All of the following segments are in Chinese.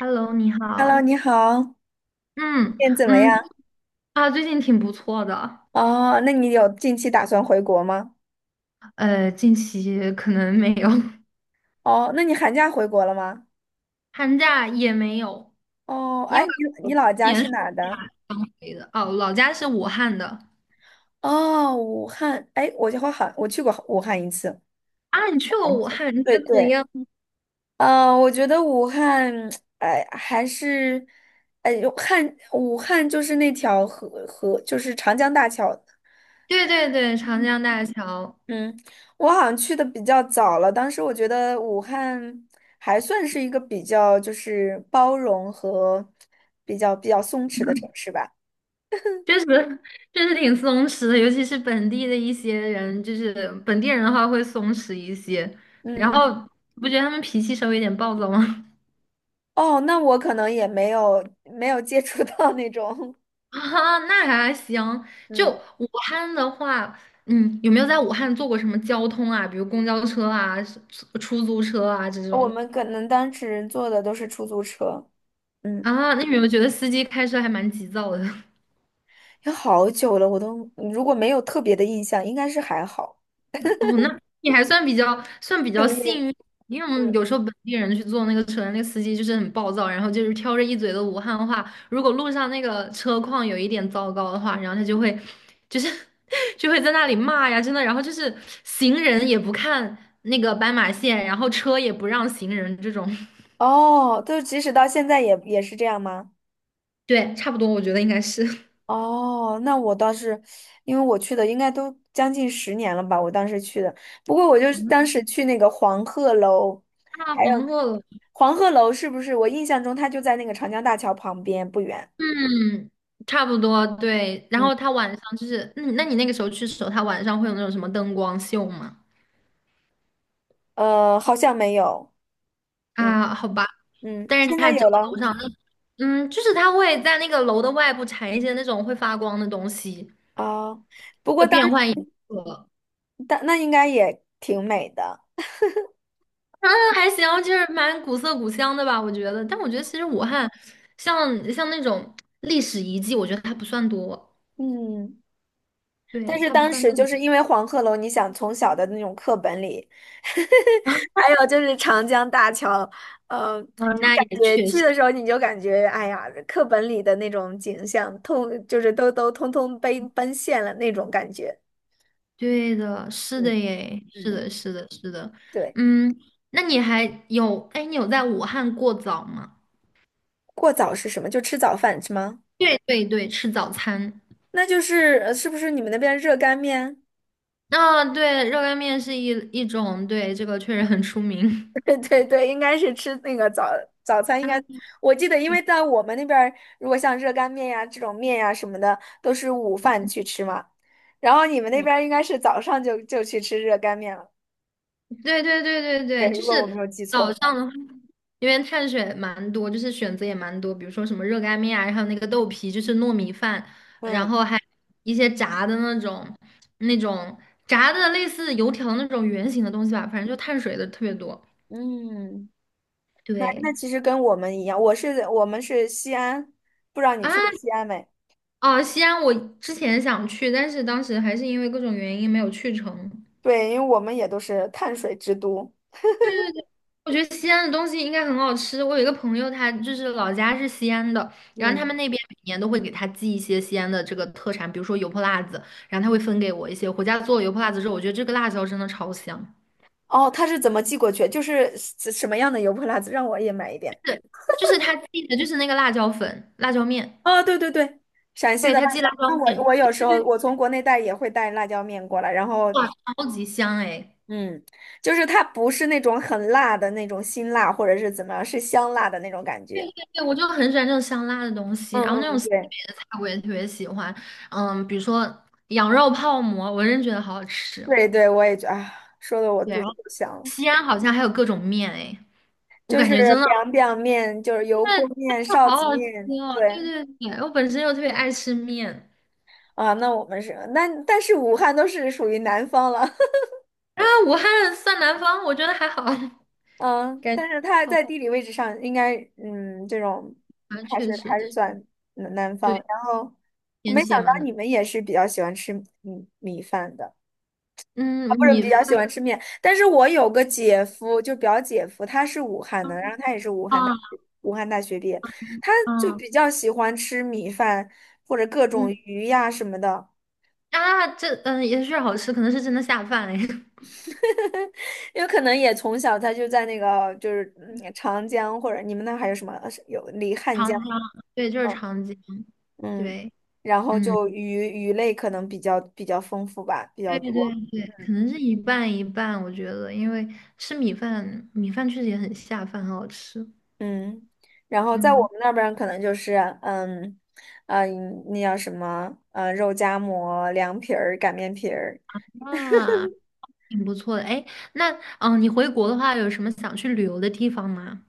Hello，你 Hello，好。你好，嗯怎么样？嗯，啊，最近挺不错的。哦，那你有近期打算回国吗？近期可能没有，哦，那你寒假回国了吗？寒假也没有，哦，因哎，为你老今家年是是哪儿的？刚回的。哦，老家是武汉的。哦，武汉。哎，我就好像我去过武汉一次，啊，你去过很武久。汉，你对觉得怎么对，样？我觉得武汉，哎，还是，哎，武汉就是那条河就是长江大桥。 对对对，长江大桥嗯，我好像去的比较早了，当时我觉得武汉还算是一个比较就是包容和比较松弛的城市吧。确实。 确实挺松弛的，尤其是本地的一些人，就是本地人的话会松弛一些。嗯然嗯。后，不觉得他们脾气稍微有点暴躁吗？哦，那我可能也没有接触到那种。啊，那还行。就嗯，武汉的话，嗯，有没有在武汉坐过什么交通啊？比如公交车啊、出租车啊这我种。们可能当时坐的都是出租车。嗯，啊？那你有没有觉得司机开车还蛮急躁的？有好久了，我都如果没有特别的印象，应该是还好。哦，那你还算比较算比幸较运。幸运，因为我们嗯。有时候本地人去坐那个车，那个司机就是很暴躁，然后就是挑着一嘴的武汉话。如果路上那个车况有一点糟糕的话，然后他就会就是 就会在那里骂呀，真的。然后就是行人也不看那个斑马线，然后车也不让行人这种。哦，就即使到现在也是这样吗？对，差不多，我觉得应该是。 哦，那我倒是，因为我去的应该都将近十年了吧，我当时去的。不过我就是当时去那个黄鹤楼，啊，还黄有鹤楼，黄鹤楼是不是？我印象中它就在那个长江大桥旁边不远。嗯，差不多对。然嗯。后他晚上就是，嗯，那你那个时候去的时候，他晚上会有那种什么灯光秀吗？好像没有。嗯啊，好吧，嗯，但是现在它只有要了。楼上那，嗯，就是它会在那个楼的外部缠一些那种会发光的东西，哦，不过会变换颜色。当那应该也挺美的。嗯，还行，就是蛮古色古香的吧，我觉得。但我觉得其实武汉像像那种历史遗迹，我觉得它不算多，嗯。对，但是它不当算时特就别是因为黄鹤楼，你想从小的那种课本里，还有就是长江大桥，呃，多。就那感也觉确去实，的时候你就感觉，哎呀，课本里的那种景象，就是都通通被奔现了那种感觉。对的，是的嗯耶，是嗯，的，是的，是的。对。嗯，那你还有，哎，你有在武汉过早吗？过早是什么？就吃早饭是吗？对对对，吃早餐。那就是是不是你们那边热干面？啊，对，热干面是一种，对，这个确实很出名。对对对，应该是吃那个早餐，应啊，该我记得，因为在我们那边儿，如果像热干面呀这种面呀什么的，都是午饭去吃嘛。然后你们那我边儿应该是早上就去吃热干面了，对对对对对，对，如就果我没是有记错的早上话。的话，因为碳水蛮多，就是选择也蛮多，比如说什么热干面啊，然后那个豆皮，就是糯米饭，然嗯后还一些炸的那种，那种炸的类似油条那种圆形的东西吧，反正就碳水的特别多。嗯，那对那其实跟我们一样，我们是西安，不知道你啊，去过西安没？哦，西安我之前想去，但是当时还是因为各种原因没有去成。对，因为我们也都是碳水之都。对。我觉得西安的东西应该很好吃。我有一个朋友，他就是老家是西安的，然后他们嗯。那边每年都会给他寄一些西安的这个特产，比如说油泼辣子，然后他会分给我一些。回家做了油泼辣子之后，我觉得这个辣椒真的超香，哦，他是怎么寄过去？就是什么样的油泼辣子，让我也买一点。就是他寄的就是那个辣椒粉、辣椒面，哦，对对对，陕西对，的辣他寄椒，辣椒那面，我有时候我从国内带也会带辣椒面过来，然后哇，超级香哎！嗯，就是它不是那种很辣的那种辛辣，或者是怎么样，是香辣的那种感觉。对，我就很喜欢这种香辣的东西，然后嗯那嗯，种西北对的菜我也特别喜欢，嗯，比如说羊肉泡馍，我真觉得好好吃。对对，我也觉啊，说的我对，肚然后子都香了。西安好像还有各种面哎。我就感是 觉biang biang 面，就是真油的泼真面、的臊好子好吃面，哦！对对对对，我本身又特别爱吃面，啊，那我们是那，但是武汉都是属于南方了。然后武汉算南方，我觉得还好，嗯，感觉但是他好在地理位置上应该，嗯，这种吧，还是确实，算南方。对，然后我没天气想也蛮到冷。你们也是比较喜欢吃米饭的啊，嗯，不是比米较饭喜欢吃面。但是我有个姐夫，就表姐夫，他是武汉的，然后他也是啊，武汉大学毕业，他就啊，比较喜欢吃米饭或者各种嗯鱼呀什么的。啊，这嗯也是好吃，可能是真的下饭哎。有可能也从小他就在那个就是长江或者你们那还有什么有离 汉长江。江，对，就是长江，嗯，对，然后嗯，就鱼类可能比较丰富吧，比较对对对，多。可嗯能是一半一半，我觉得，因为吃米饭，米饭确实也很下饭，很好吃。嗯，然后在我嗯，们那边儿可能就是嗯嗯，那叫什么肉夹馍、凉皮儿、擀面皮儿那。挺不错的。哎，那你回国的话，有什么想去旅游的地方吗？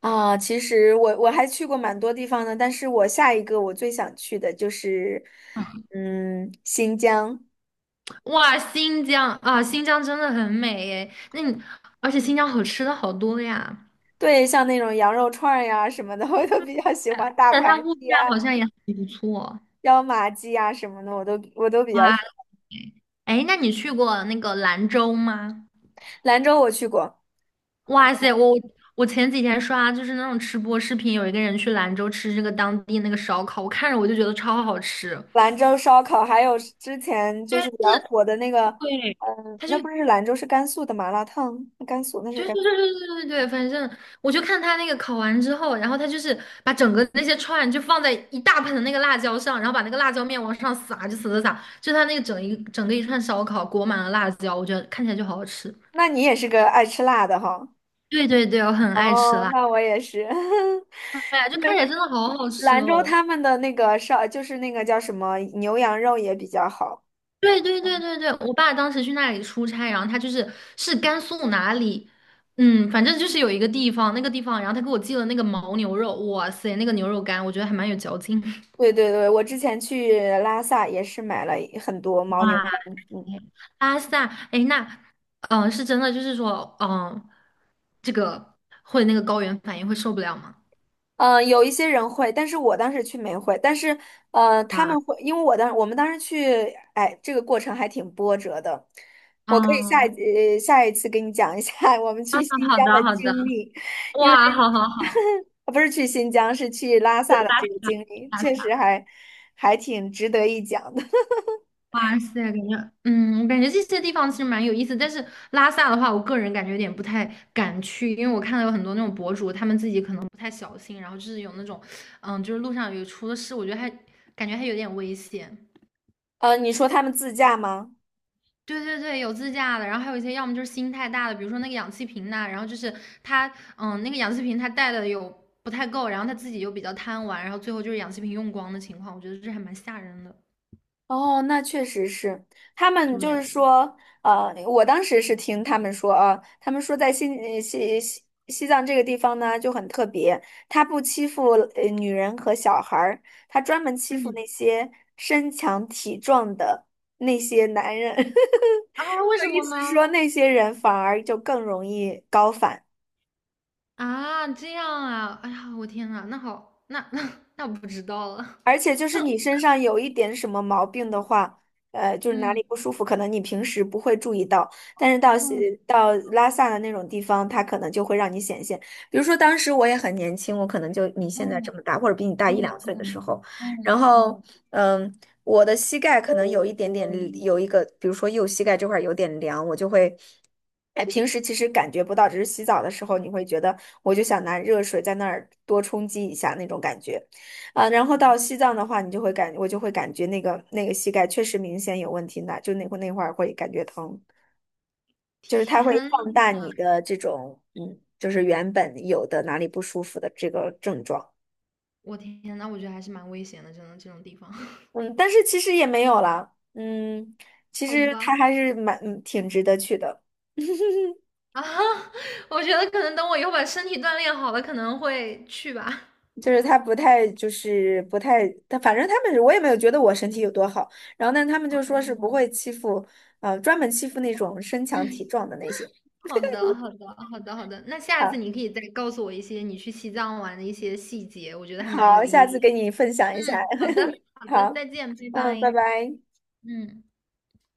啊。其实我还去过蛮多地方的，但是我下一个我最想去的就是嗯新疆。哇，新疆啊，新疆真的很美哎。那你，而且新疆好吃的好多呀，对，像那种羊肉串儿呀什么的，我都比较喜欢大但它盘物鸡价啊、好像也很不错。椒麻鸡啊什么的，我都比较喜哇，欢。哎，那你去过那个兰州吗？兰州我去过。哇塞，我前几天刷就是那种吃播视频，有一个人去兰州吃这个当地那个烧烤，我看着我就觉得超好吃。兰州烧烤，还有之前就对，是比较是，火的那个，对，嗯，他就那不是兰州，是甘肃的麻辣烫，甘肃那是对对甘，对对对，反正我就看他那个烤完之后，然后他就是把整个那些串就放在一大盆的那个辣椒上，然后把那个辣椒面往上撒，就撒撒撒，就他那个整个一串烧烤裹满了辣椒，我觉得看起来就好好吃。那你也是个爱吃辣的哈。对对对，我很爱吃哦，辣，那我也是。对呀，就看起来真的好好吃兰州哦。他们的那个就是那个叫什么牛羊肉也比较好。对对对对对，我爸当时去那里出差，然后他就是是甘肃哪里，嗯，反正就是有一个地方，那个地方，然后他给我寄了那个牦牛肉，哇塞，那个牛肉干，我觉得还蛮有嚼劲。对对对，我之前去拉萨也是买了很多牦牛哇，肝。嗯。拉萨，哎，那，是真的，就是说，这个会那个高原反应会受不了吗？有一些人会，但是我当时去没会，但是呃，他哇，们会，因为我们当时去，哎，这个过程还挺波折的。我可以下一嗯，下一次给你讲一下 我们啊，去新好疆的的，好的，经历，因为 哇，好好好。不是去新疆，是去拉萨的这个经历，拉确萨实还挺值得一讲的。哇塞，感觉，嗯，我感觉这些地方其实蛮有意思，但是拉萨的话，我个人感觉有点不太敢去，因为我看到有很多那种博主，他们自己可能不太小心，然后就是有那种，嗯，就是路上有出了事，我觉得还感觉还有点危险。你说他们自驾吗？对对对，有自驾的，然后还有一些要么就是心太大的，比如说那个氧气瓶呐，然后就是他，嗯，那个氧气瓶他带的有不太够，然后他自己又比较贪玩，然后最后就是氧气瓶用光的情况，我觉得这还蛮吓人的。哦，那确实是，他们就是对，说，呃，我当时是听他们说啊，他们说在西藏这个地方呢就很特别，他不欺负女人和小孩儿，他专门欺负嗯，那些身强体壮的那些男人，啊，为就什意么思呢？说那些人反而就更容易高反。啊，这样啊，哎呀，我天呐，那好，那 那我不知道了。而且就是你身上有一点什么毛病的话，呃，就是哪里不嗯舒服，可能你平时不会注意到，但是到嗯到拉萨的那种地方，它可能就会让你显现。比如说当时我也很年轻，我可能就你现在嗯这么大，或者比你大一嗯两岁的嗯时候，嗯然后嗯，嗯，我的膝盖可能有一点点有一个，比如说右膝盖这块儿有点凉，我就会。哎，平时其实感觉不到，只是洗澡的时候你会觉得，我就想拿热水在那儿多冲击一下那种感觉。啊，然后到西藏的话，你就会感，我就会感觉那个膝盖确实明显有问题呢，就那会儿会感觉疼，就是它会天，放大你的这种，嗯，就是原本有的哪里不舒服的这个症状，我天那我觉得还是蛮危险的，真的这种地方。嗯，但是其实也没有了，嗯，其好实它吧。还是蛮，嗯挺值得去的，啊，我觉得可能等我以后把身体锻炼好了，可能会去吧。就是它不太就是不太，它反正他们我也没有觉得我身体有多好，然后但他们就哦，说是不会欺负，专门欺负那种身强体壮的那些。好的，好的，好的，好的。那下次啊。你可以再告诉我一些你去西藏玩的一些细节，我觉得还蛮好，有下意思。次给你分享一下。嗯，好的，好的，再好，见，拜嗯，拜拜。拜。嗯。